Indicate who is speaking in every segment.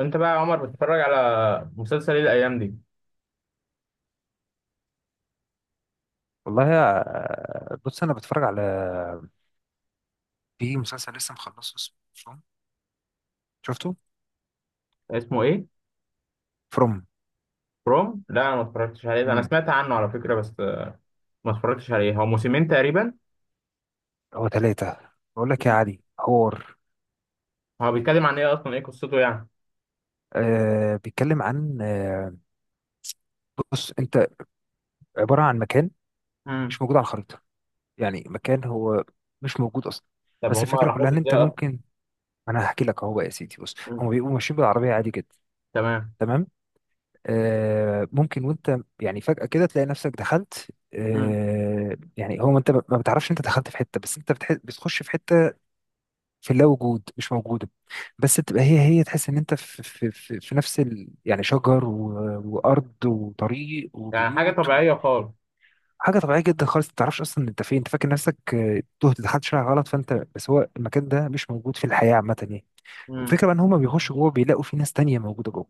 Speaker 1: انت بقى يا عمر بتتفرج على مسلسل ايه الايام دي؟
Speaker 2: والله يا، بص انا بتفرج على، في مسلسل لسه مخلصه اسمه فروم. شفته؟
Speaker 1: اسمه ايه؟
Speaker 2: فروم.
Speaker 1: بروم، لا انا ما اتفرجتش عليه ده. انا
Speaker 2: امم
Speaker 1: سمعت عنه على فكره بس، ما اتفرجتش عليه. هو موسمين تقريبا؟
Speaker 2: هو 3، بقول لك يا
Speaker 1: مم.
Speaker 2: علي، حوار.
Speaker 1: هو بيتكلم عن ايه اصلا، ايه قصته يعني؟
Speaker 2: آه، بيتكلم عن آه، بص انت، عبارة عن مكان
Speaker 1: مم.
Speaker 2: مش موجود على الخريطة. يعني مكان هو مش موجود اصلا.
Speaker 1: طب
Speaker 2: بس
Speaker 1: هما
Speaker 2: الفكرة
Speaker 1: راحوا
Speaker 2: كلها
Speaker 1: له
Speaker 2: ان انت
Speaker 1: ازاي اصلا؟
Speaker 2: ممكن، انا هحكي لك اهو بقى يا سيدي. بص،
Speaker 1: مم.
Speaker 2: هم بيبقوا ماشيين بالعربية عادي جدا.
Speaker 1: تمام.
Speaker 2: تمام. آه، ممكن وانت يعني فجأة كده تلاقي نفسك دخلت.
Speaker 1: مم.
Speaker 2: آه، يعني هو انت ما بتعرفش انت دخلت في حتة، بس انت بتخش في حتة. في اللا وجود، مش موجودة. بس بتبقى هي هي تحس ان انت في نفس ال يعني شجر وارض وطريق
Speaker 1: يعني حاجه
Speaker 2: وبيوت و...
Speaker 1: طبيعيه خالص.
Speaker 2: حاجة طبيعية جدا خالص، ما تعرفش اصلا انت فين، انت فاكر نفسك آه، تهت دخلت شارع غلط، فانت بس هو المكان ده مش موجود في الحياة عامة يعني.
Speaker 1: مم.
Speaker 2: والفكرة بقى ان هما بيخشوا جوه، بيلاقوا في ناس تانية موجودة جوه.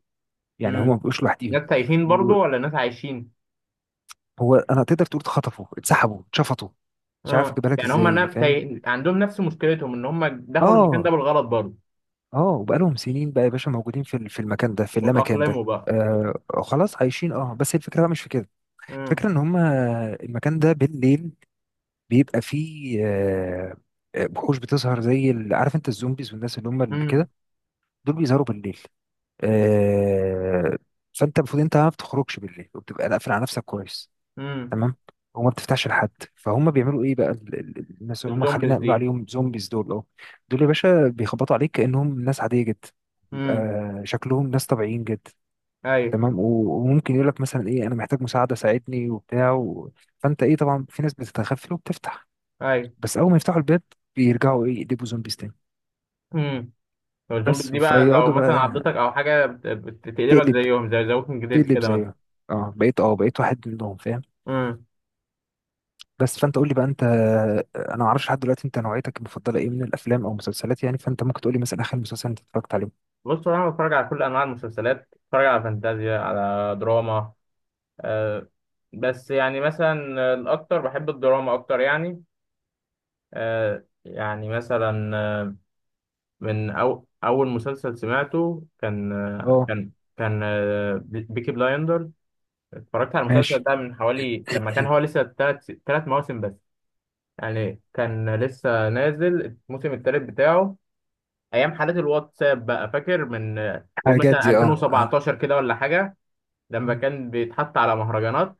Speaker 2: يعني هما ما
Speaker 1: مم.
Speaker 2: بيبقوش لوحديهم.
Speaker 1: ناس تايهين برضو ولا ناس عايشين؟
Speaker 2: هو انا تقدر تقول اتخطفوا، اتسحبوا، اتشفطوا. مش عارف
Speaker 1: اه
Speaker 2: اجيبها لك
Speaker 1: يعني هما
Speaker 2: ازاي
Speaker 1: ناس
Speaker 2: فاهم.
Speaker 1: تايه... عندهم نفس مشكلتهم ان هما دخلوا المكان ده
Speaker 2: اه.
Speaker 1: بالغلط برضو.
Speaker 2: اه، وبقالهم سنين بقى يا باشا موجودين في في المكان ده، في اللامكان ده.
Speaker 1: واتأقلموا بقى.
Speaker 2: آه. خلاص عايشين، اه، بس الفكره بقى مش في كده.
Speaker 1: مم.
Speaker 2: الفكره ان هم المكان ده بالليل بيبقى فيه آه، آه، وحوش بتظهر زي عارف انت الزومبيز والناس اللي هم اللي
Speaker 1: مم.
Speaker 2: كده، دول بيظهروا بالليل. آه. فانت المفروض انت ما بتخرجش بالليل وبتبقى قافل على نفسك كويس.
Speaker 1: مم.
Speaker 2: تمام. وما بتفتحش لحد، فهم بيعملوا ايه بقى الناس اللي هم، خلينا
Speaker 1: الزومبيز
Speaker 2: نقول
Speaker 1: دي.
Speaker 2: عليهم زومبيز دول، اه. دول يا باشا بيخبطوا عليك كانهم ناس عاديه جدا. بيبقى
Speaker 1: مم.
Speaker 2: شكلهم ناس طبيعيين جدا.
Speaker 1: ايوه
Speaker 2: تمام. وممكن يقول لك مثلا ايه، انا محتاج مساعده، ساعدني وبتاع و... فانت ايه؟ طبعا في ناس بتتغفل وبتفتح.
Speaker 1: ايوه.
Speaker 2: بس اول ما يفتحوا الباب، بيرجعوا ايه، يقلبوا زومبيز تاني.
Speaker 1: امم. لو الزومبي
Speaker 2: بس
Speaker 1: دي بقى، لو
Speaker 2: فيقعدوا
Speaker 1: مثلا عضتك
Speaker 2: بقى،
Speaker 1: او حاجه، بتقلبك
Speaker 2: تقلب،
Speaker 1: زيهم زي ذا ووكينج ديد
Speaker 2: تقلب
Speaker 1: كده مثلا.
Speaker 2: زيه. اه بقيت، اه بقيت واحد منهم فاهم.
Speaker 1: امم.
Speaker 2: بس فانت قول لي بقى انت، انا ما اعرفش لحد دلوقتي انت نوعيتك المفضله ايه من الافلام او المسلسلات يعني. فانت ممكن تقول لي مثلا اخر مسلسل انت اتفرجت عليه.
Speaker 1: بص انا بتفرج على كل انواع المسلسلات، بتفرج على فانتازيا، على دراما. آه. بس يعني مثلا الاكتر بحب الدراما اكتر يعني. آه يعني مثلا آه، من أو اول مسلسل سمعته كان
Speaker 2: اه
Speaker 1: بيكي بلايندر. اتفرجت على المسلسل
Speaker 2: ماشي.
Speaker 1: ده من حوالي لما كان هو لسه ثلاث مواسم بس. يعني كان لسه نازل الموسم الثالث بتاعه ايام حالات الواتساب بقى. فاكر من قول
Speaker 2: حاجات
Speaker 1: مثلا
Speaker 2: دي اه آه.
Speaker 1: 2017 كده ولا حاجه، لما
Speaker 2: مم.
Speaker 1: كان بيتحط على مهرجانات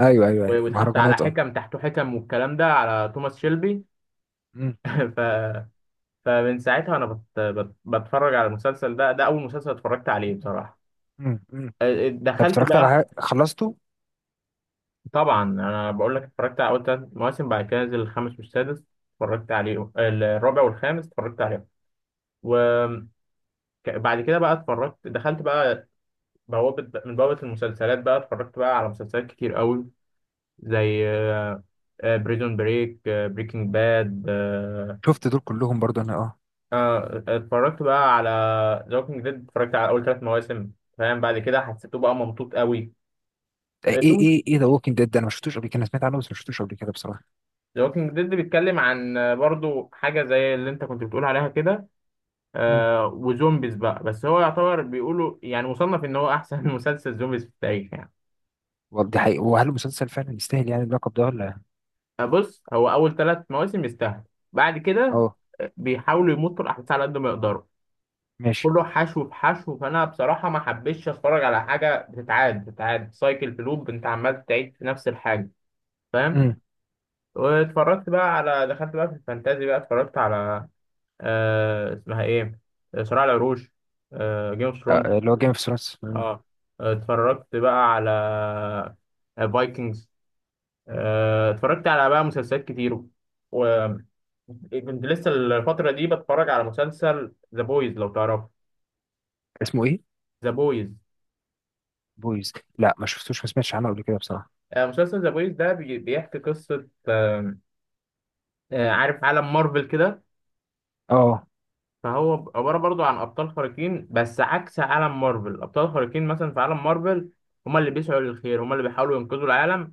Speaker 2: ايوه ايوه ايوه،
Speaker 1: ويتحط على
Speaker 2: مهرجانات اه.
Speaker 1: حكم تحته حكم، والكلام ده على توماس شيلبي.
Speaker 2: مم.
Speaker 1: ف... فمن ساعتها انا بتفرج على المسلسل ده. ده اول مسلسل اتفرجت عليه بصراحه.
Speaker 2: مم. مم. طب
Speaker 1: دخلت
Speaker 2: اتفرجت على
Speaker 1: بقى.
Speaker 2: حاجه خلصته؟
Speaker 1: طبعا انا بقول لك اتفرجت على اول ثلاث مواسم، بعد كده نزل الخامس والسادس. اتفرجت عليه الرابع والخامس اتفرجت عليهم. و...
Speaker 2: مم.
Speaker 1: بعد كده بقى اتفرجت، دخلت بقى بوابة من بوابة المسلسلات بقى. اتفرجت بقى على مسلسلات كتير قوي زي بريزون بريك، بريكنج باد.
Speaker 2: شفت دول كلهم برضو انا اه.
Speaker 1: اتفرجت بقى على ذا ووكينج ديد، اتفرجت على اول ثلاث مواسم، فاهم؟ بعد كده حسيته بقى ممطوط قوي.
Speaker 2: ايه
Speaker 1: ثم
Speaker 2: ايه ايه، ذا ووكينج ديد ده انا ما شفتوش قبل كده، انا سمعت عنه بس ما شفتوش قبل كده بصراحه.
Speaker 1: ذا ووكينج ديد بيتكلم عن برضو حاجة زي اللي انت كنت بتقول عليها كده.
Speaker 2: امم
Speaker 1: وزومبيز بقى، بس هو يعتبر بيقولوا يعني مصنف ان هو احسن مسلسل زومبيز في التاريخ يعني.
Speaker 2: والله دي حقيقة، وهل المسلسل فعلا يستاهل يعني اللقب ده ولا؟
Speaker 1: بص هو اول ثلاث مواسم يستاهل. بعد كده
Speaker 2: اه
Speaker 1: بيحاولوا يمطوا الاحداث على قد ما يقدروا.
Speaker 2: ماشي.
Speaker 1: كله حشو في حشو. فانا بصراحه ما حبيتش اتفرج على حاجه بتتعاد سايكل في لوب، انت عمال تعيد في نفس الحاجه، فاهم؟
Speaker 2: امم
Speaker 1: واتفرجت بقى على، دخلت بقى في الفانتازي بقى، اتفرجت على آه اسمها ايه، صراع العروش، آه جيم اوف ثرونز.
Speaker 2: اللي هو جيم اوف ثرونز.
Speaker 1: اه Game of Thrones. اتفرجت بقى على فايكنجز. اتفرجت على بقى مسلسلات كتير. وكنت لسه الفترة دي بتفرج على مسلسل ذا بويز لو تعرفه.
Speaker 2: اسمه ايه؟
Speaker 1: ذا بويز.
Speaker 2: بويز. لا ما شفتوش، ما سمعتش عنه قبل كده بصراحة.
Speaker 1: مسلسل ذا بويز ده بيحكي قصة عارف عالم مارفل كده.
Speaker 2: اه.
Speaker 1: فهو عبارة برضو عن أبطال خارقين، بس عكس عالم مارفل. أبطال خارقين مثلا في عالم مارفل، هما اللي بيسعوا للخير، هما اللي بيحاولوا ينقذوا العالم.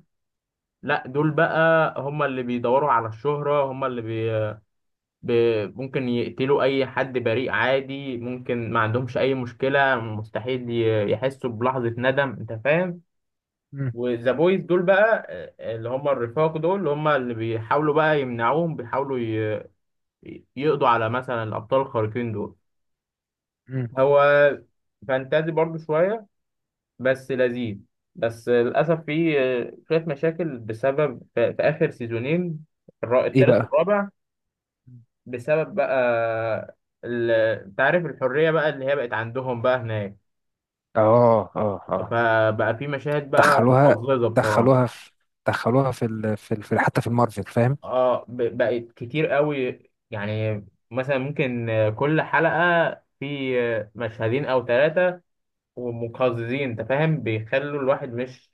Speaker 1: لا دول بقى هما اللي بيدوروا على الشهرة، هما ب... ممكن يقتلوا أي حد بريء عادي، ممكن ما عندهمش أي مشكلة، مستحيل يحسوا بلحظة ندم، أنت فاهم.
Speaker 2: مم.
Speaker 1: وذا بويز دول بقى اللي هم الرفاق دول، اللي هم اللي بيحاولوا بقى يمنعوهم، يقضوا على مثلا الأبطال الخارقين دول.
Speaker 2: مم.
Speaker 1: هو فانتازي برضو شوية، بس لذيذ. بس للأسف فيه شوية مشاكل بسبب في آخر سيزونين،
Speaker 2: ايه
Speaker 1: التالت
Speaker 2: بقى؟
Speaker 1: والرابع.
Speaker 2: مم.
Speaker 1: بسبب بقى ال- انت عارف الحرية بقى اللي هي بقت عندهم بقى هناك.
Speaker 2: اه اه اه.
Speaker 1: فبقى في مشاهد بقى
Speaker 2: دخلوها
Speaker 1: مقززة بصراحة.
Speaker 2: دخلوها في دخلوها في ال... في, ال... في حتى في المارفل فاهم.
Speaker 1: اه بقت كتير قوي. يعني مثلا ممكن كل حلقة في مشهدين او ثلاثة، ومقززين انت فاهم، بيخلوا الواحد مش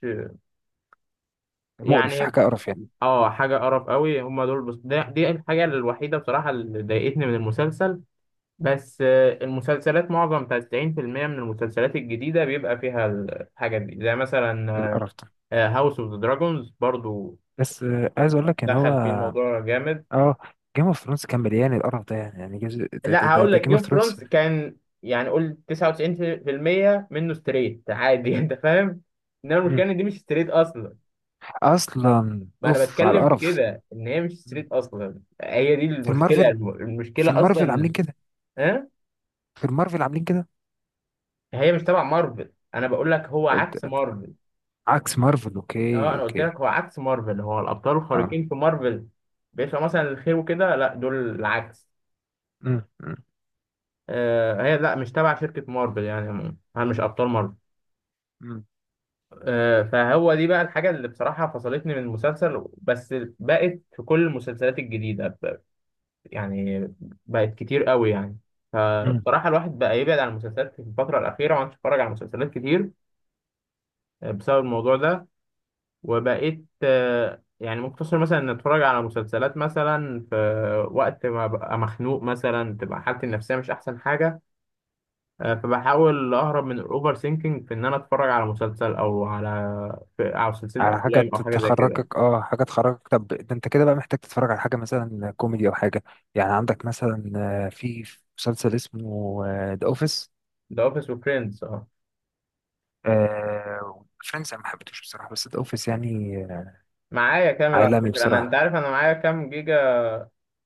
Speaker 2: مقرف،
Speaker 1: يعني.
Speaker 2: حكاية قرف يعني.
Speaker 1: اه حاجة قرف قوي هم دول. بس دي الحاجة الوحيدة بصراحة اللي ضايقتني من المسلسل. بس المسلسلات معظم 90% من المسلسلات الجديدة بيبقى فيها الحاجات دي، زي مثلا
Speaker 2: القرف ده.
Speaker 1: هاوس اوف ذا دراجونز برضو،
Speaker 2: بس آه عايز اقول لك ان هو
Speaker 1: دخل فيه الموضوع جامد.
Speaker 2: اه، جيم اوف ثرونز كان مليان القرف ده يعني. يعني جزء ده ده,
Speaker 1: لا
Speaker 2: ده,
Speaker 1: هقول
Speaker 2: ده
Speaker 1: لك
Speaker 2: جيم اوف
Speaker 1: جيم
Speaker 2: ثرونز.
Speaker 1: فرونز كان يعني قول 99% منه ستريت عادي انت فاهم. انما المشكلة
Speaker 2: مم.
Speaker 1: ان دي مش ستريت اصلا.
Speaker 2: اصلا
Speaker 1: ما انا
Speaker 2: اوف على
Speaker 1: بتكلم في
Speaker 2: القرف.
Speaker 1: كده ان هي مش
Speaker 2: مم.
Speaker 1: ستريت اصلا، هي دي
Speaker 2: في
Speaker 1: المشكلة،
Speaker 2: المارفل، في
Speaker 1: المشكلة
Speaker 2: المارفل عاملين
Speaker 1: اصلا.
Speaker 2: كده
Speaker 1: ها.
Speaker 2: في المارفل عاملين كده.
Speaker 1: هي مش تبع مارفل، انا بقول لك هو
Speaker 2: إنت-
Speaker 1: عكس
Speaker 2: إنت-
Speaker 1: مارفل.
Speaker 2: عكس مارفل،
Speaker 1: اه
Speaker 2: اوكي
Speaker 1: انا قلت
Speaker 2: اوكي.
Speaker 1: لك هو عكس مارفل. هو الابطال
Speaker 2: اه.
Speaker 1: الخارقين في مارفل بيطلع مثلا الخير وكده، لا دول العكس.
Speaker 2: مم. مم.
Speaker 1: آه هي لا مش تبع شركة مارفل يعني، هل مش ابطال مارفل.
Speaker 2: مم.
Speaker 1: آه فهو دي بقى الحاجة اللي بصراحة فصلتني من المسلسل. بس بقت في كل المسلسلات الجديدة يعني بقت كتير قوي يعني.
Speaker 2: مم.
Speaker 1: فبصراحة الواحد بقى يبعد عن المسلسلات في الفترة الأخيرة وما عادش يتفرج على مسلسلات كتير بسبب الموضوع ده. وبقيت يعني مقتصر مثلا ان اتفرج على مسلسلات مثلا في وقت ما ببقى مخنوق، مثلا تبقى حالتي النفسيه مش احسن حاجه. فبحاول اهرب من الاوفر سينكينج في ان انا اتفرج على مسلسل او على او سلسله
Speaker 2: على حاجة
Speaker 1: افلام او حاجه زي كده.
Speaker 2: تخرجك، اه حاجة تخرجك. طب ده انت كده بقى محتاج تتفرج على حاجة مثلا كوميدي او حاجة. يعني عندك مثلا آه، في مسلسل اسمه ذا اوفيس.
Speaker 1: ذا اوفيس وفريندز اه.
Speaker 2: فريندز انا ما حبيتهوش بصراحة، بس ذا اوفيس يعني آه،
Speaker 1: معايا كامل على
Speaker 2: عالمي
Speaker 1: فكره. انا انت
Speaker 2: بصراحة.
Speaker 1: عارف انا معايا كام جيجا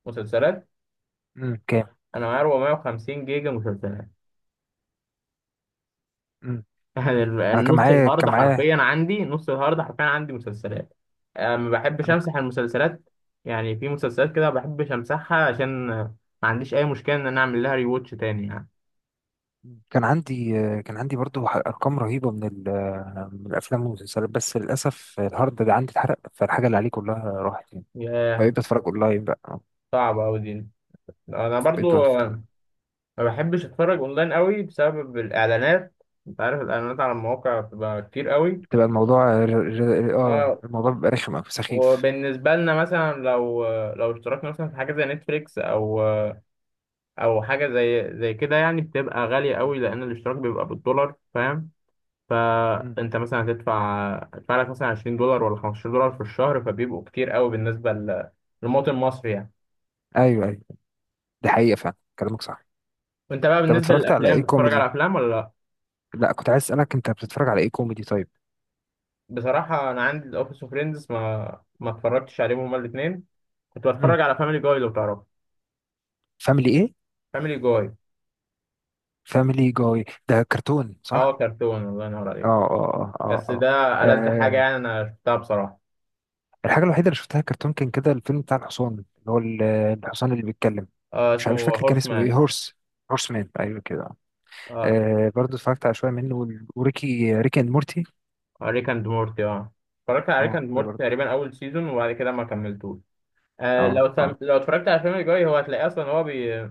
Speaker 1: مسلسلات؟
Speaker 2: مم. كام؟
Speaker 1: انا معايا 450 جيجا مسلسلات.
Speaker 2: مم.
Speaker 1: يعني
Speaker 2: انا كان
Speaker 1: النص
Speaker 2: معايا
Speaker 1: الهارد
Speaker 2: كان معايا
Speaker 1: حرفيا عندي، نص الهارد حرفيا عندي مسلسلات. ما بحبش
Speaker 2: انا.
Speaker 1: امسح المسلسلات. يعني في مسلسلات كده ما بحبش امسحها عشان ما عنديش اي مشكله ان انا اعمل لها ريواتش تاني يعني.
Speaker 2: كان عندي آه، كان عندي برضو ارقام رهيبة من آه، من الافلام والمسلسلات، بس للاسف الهارد ده عندي اتحرق، فالحاجة اللي عليه كلها راحت يعني.
Speaker 1: ياه
Speaker 2: فبقيت بتفرج اونلاين بقى.
Speaker 1: صعبه قوي دي. انا
Speaker 2: بقيت.
Speaker 1: برضو ما بحبش اتفرج اونلاين قوي بسبب الاعلانات. انت عارف الاعلانات على المواقع بتبقى كتير قوي.
Speaker 2: بتبقى الموضوع اه
Speaker 1: اه
Speaker 2: الموضوع بيبقى رخم أوي، سخيف.
Speaker 1: وبالنسبه لنا مثلا لو لو اشتركنا مثلا في حاجه زي نتفليكس او او حاجه زي كده يعني، بتبقى غاليه
Speaker 2: م.
Speaker 1: قوي لان الاشتراك بيبقى بالدولار، فاهم؟
Speaker 2: م.
Speaker 1: فانت مثلا هتدفع، هتدفع لك مثلا 20 دولار ولا 15 دولار في الشهر، فبيبقوا كتير قوي بالنسبه ل- للمواطن المصري يعني.
Speaker 2: ايوه ايوه، دي حقيقة فعلا كلامك صح.
Speaker 1: وانت بقى
Speaker 2: طب
Speaker 1: بالنسبه
Speaker 2: اتفرجت على
Speaker 1: للافلام
Speaker 2: ايه
Speaker 1: بتتفرج على
Speaker 2: كوميدي؟
Speaker 1: افلام ولا لا؟
Speaker 2: لا، كنت عايز اسألك انت بتتفرج على ايه كوميدي طيب.
Speaker 1: بصراحه انا عندي الاوفيس اوف فريندز ما اتفرجتش عليهم هما الاثنين. كنت
Speaker 2: م.
Speaker 1: بتفرج على فاميلي جاي لو تعرفه.
Speaker 2: فاميلي ايه؟
Speaker 1: فاميلي جاي
Speaker 2: فاميلي جاي ده كرتون
Speaker 1: اه
Speaker 2: صح؟
Speaker 1: كرتون، الله ينور
Speaker 2: اه
Speaker 1: عليك.
Speaker 2: اه اه
Speaker 1: بس
Speaker 2: اه
Speaker 1: ده
Speaker 2: اه.
Speaker 1: ألذ حاجه
Speaker 2: آه،
Speaker 1: يعني انا شفتها بصراحه.
Speaker 2: الحاجة الوحيدة اللي شفتها كرتون كان كده الفيلم بتاع الحصان، اللي هو الحصان اللي بيتكلم.
Speaker 1: آه
Speaker 2: مش
Speaker 1: اسمه
Speaker 2: مش فاكر كان
Speaker 1: هورس
Speaker 2: اسمه ايه،
Speaker 1: مان.
Speaker 2: هورس. هورس مان، ايوه كده.
Speaker 1: اه
Speaker 2: آه برضه اتفرجت على شوية منه وريكي، ريكي اند مورتي.
Speaker 1: ريك اند مورتي اه. اتفرجت على ريك
Speaker 2: اه
Speaker 1: اند
Speaker 2: ده
Speaker 1: مورتي
Speaker 2: برضه.
Speaker 1: تقريبا اول سيزون وبعد كده ما كملتوش. لو
Speaker 2: اه اه.
Speaker 1: لو اتفرجت على فيلم الجوي هو هتلاقيه اصلا، هو بي...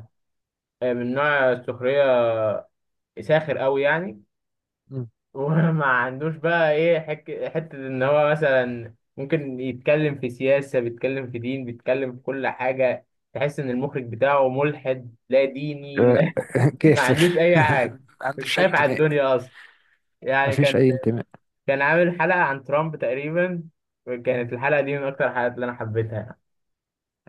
Speaker 1: من نوع السخريه، ساخر قوي يعني.
Speaker 2: مم.
Speaker 1: وما عندوش بقى ايه حته ان هو مثلا ممكن يتكلم في سياسه، بيتكلم في دين، بيتكلم في كل حاجه. تحس ان المخرج بتاعه ملحد لا ديني
Speaker 2: آه،
Speaker 1: لا. ما
Speaker 2: كافر.
Speaker 1: عندوش اي حاجه.
Speaker 2: ما
Speaker 1: مش
Speaker 2: عندوش اي
Speaker 1: خايف على
Speaker 2: انتماء.
Speaker 1: الدنيا اصلا
Speaker 2: ما
Speaker 1: يعني.
Speaker 2: فيش
Speaker 1: كان
Speaker 2: اي انتماء.
Speaker 1: كان عامل حلقه عن ترامب تقريبا.
Speaker 2: مم.
Speaker 1: كانت الحلقه دي من اكتر الحلقات اللي انا حبيتها.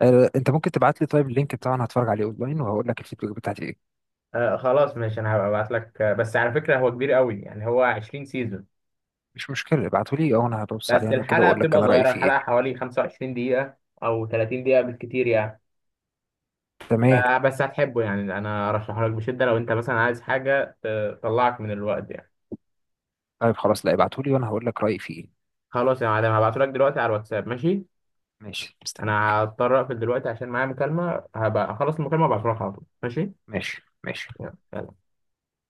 Speaker 2: آه، انت ممكن تبعت لي طيب اللينك بتاعه، انا هتفرج عليه اونلاين وهقول لك الفيديو بتاعتي ايه.
Speaker 1: آه خلاص ماشي انا هبعت لك. بس على فكره هو كبير قوي يعني، هو 20 سيزون.
Speaker 2: مش مشكله، ابعته لي او انا هبص
Speaker 1: بس
Speaker 2: عليه انا كده
Speaker 1: الحلقه
Speaker 2: واقول لك
Speaker 1: بتبقى
Speaker 2: انا رايي
Speaker 1: صغيره،
Speaker 2: فيه ايه.
Speaker 1: الحلقه حوالي 25 دقيقه او 30 دقيقه بالكتير يعني. ف-
Speaker 2: تمام.
Speaker 1: بس هتحبه يعني، انا ارشحه لك بشده لو انت مثلا عايز حاجه تطلعك من الوقت يعني.
Speaker 2: طيب خلاص، لا ابعته لي وانا هقول لك رايي فيه ايه.
Speaker 1: خلاص يا معلم هبعته لك دلوقتي على الواتساب، ماشي؟
Speaker 2: ماشي مستنيك.
Speaker 1: انا هضطر اقفل دلوقتي عشان معايا مكالمه، هبقى اخلص المكالمه وابعته لك على طول، ماشي؟
Speaker 2: ماشي ماشي.
Speaker 1: يلا.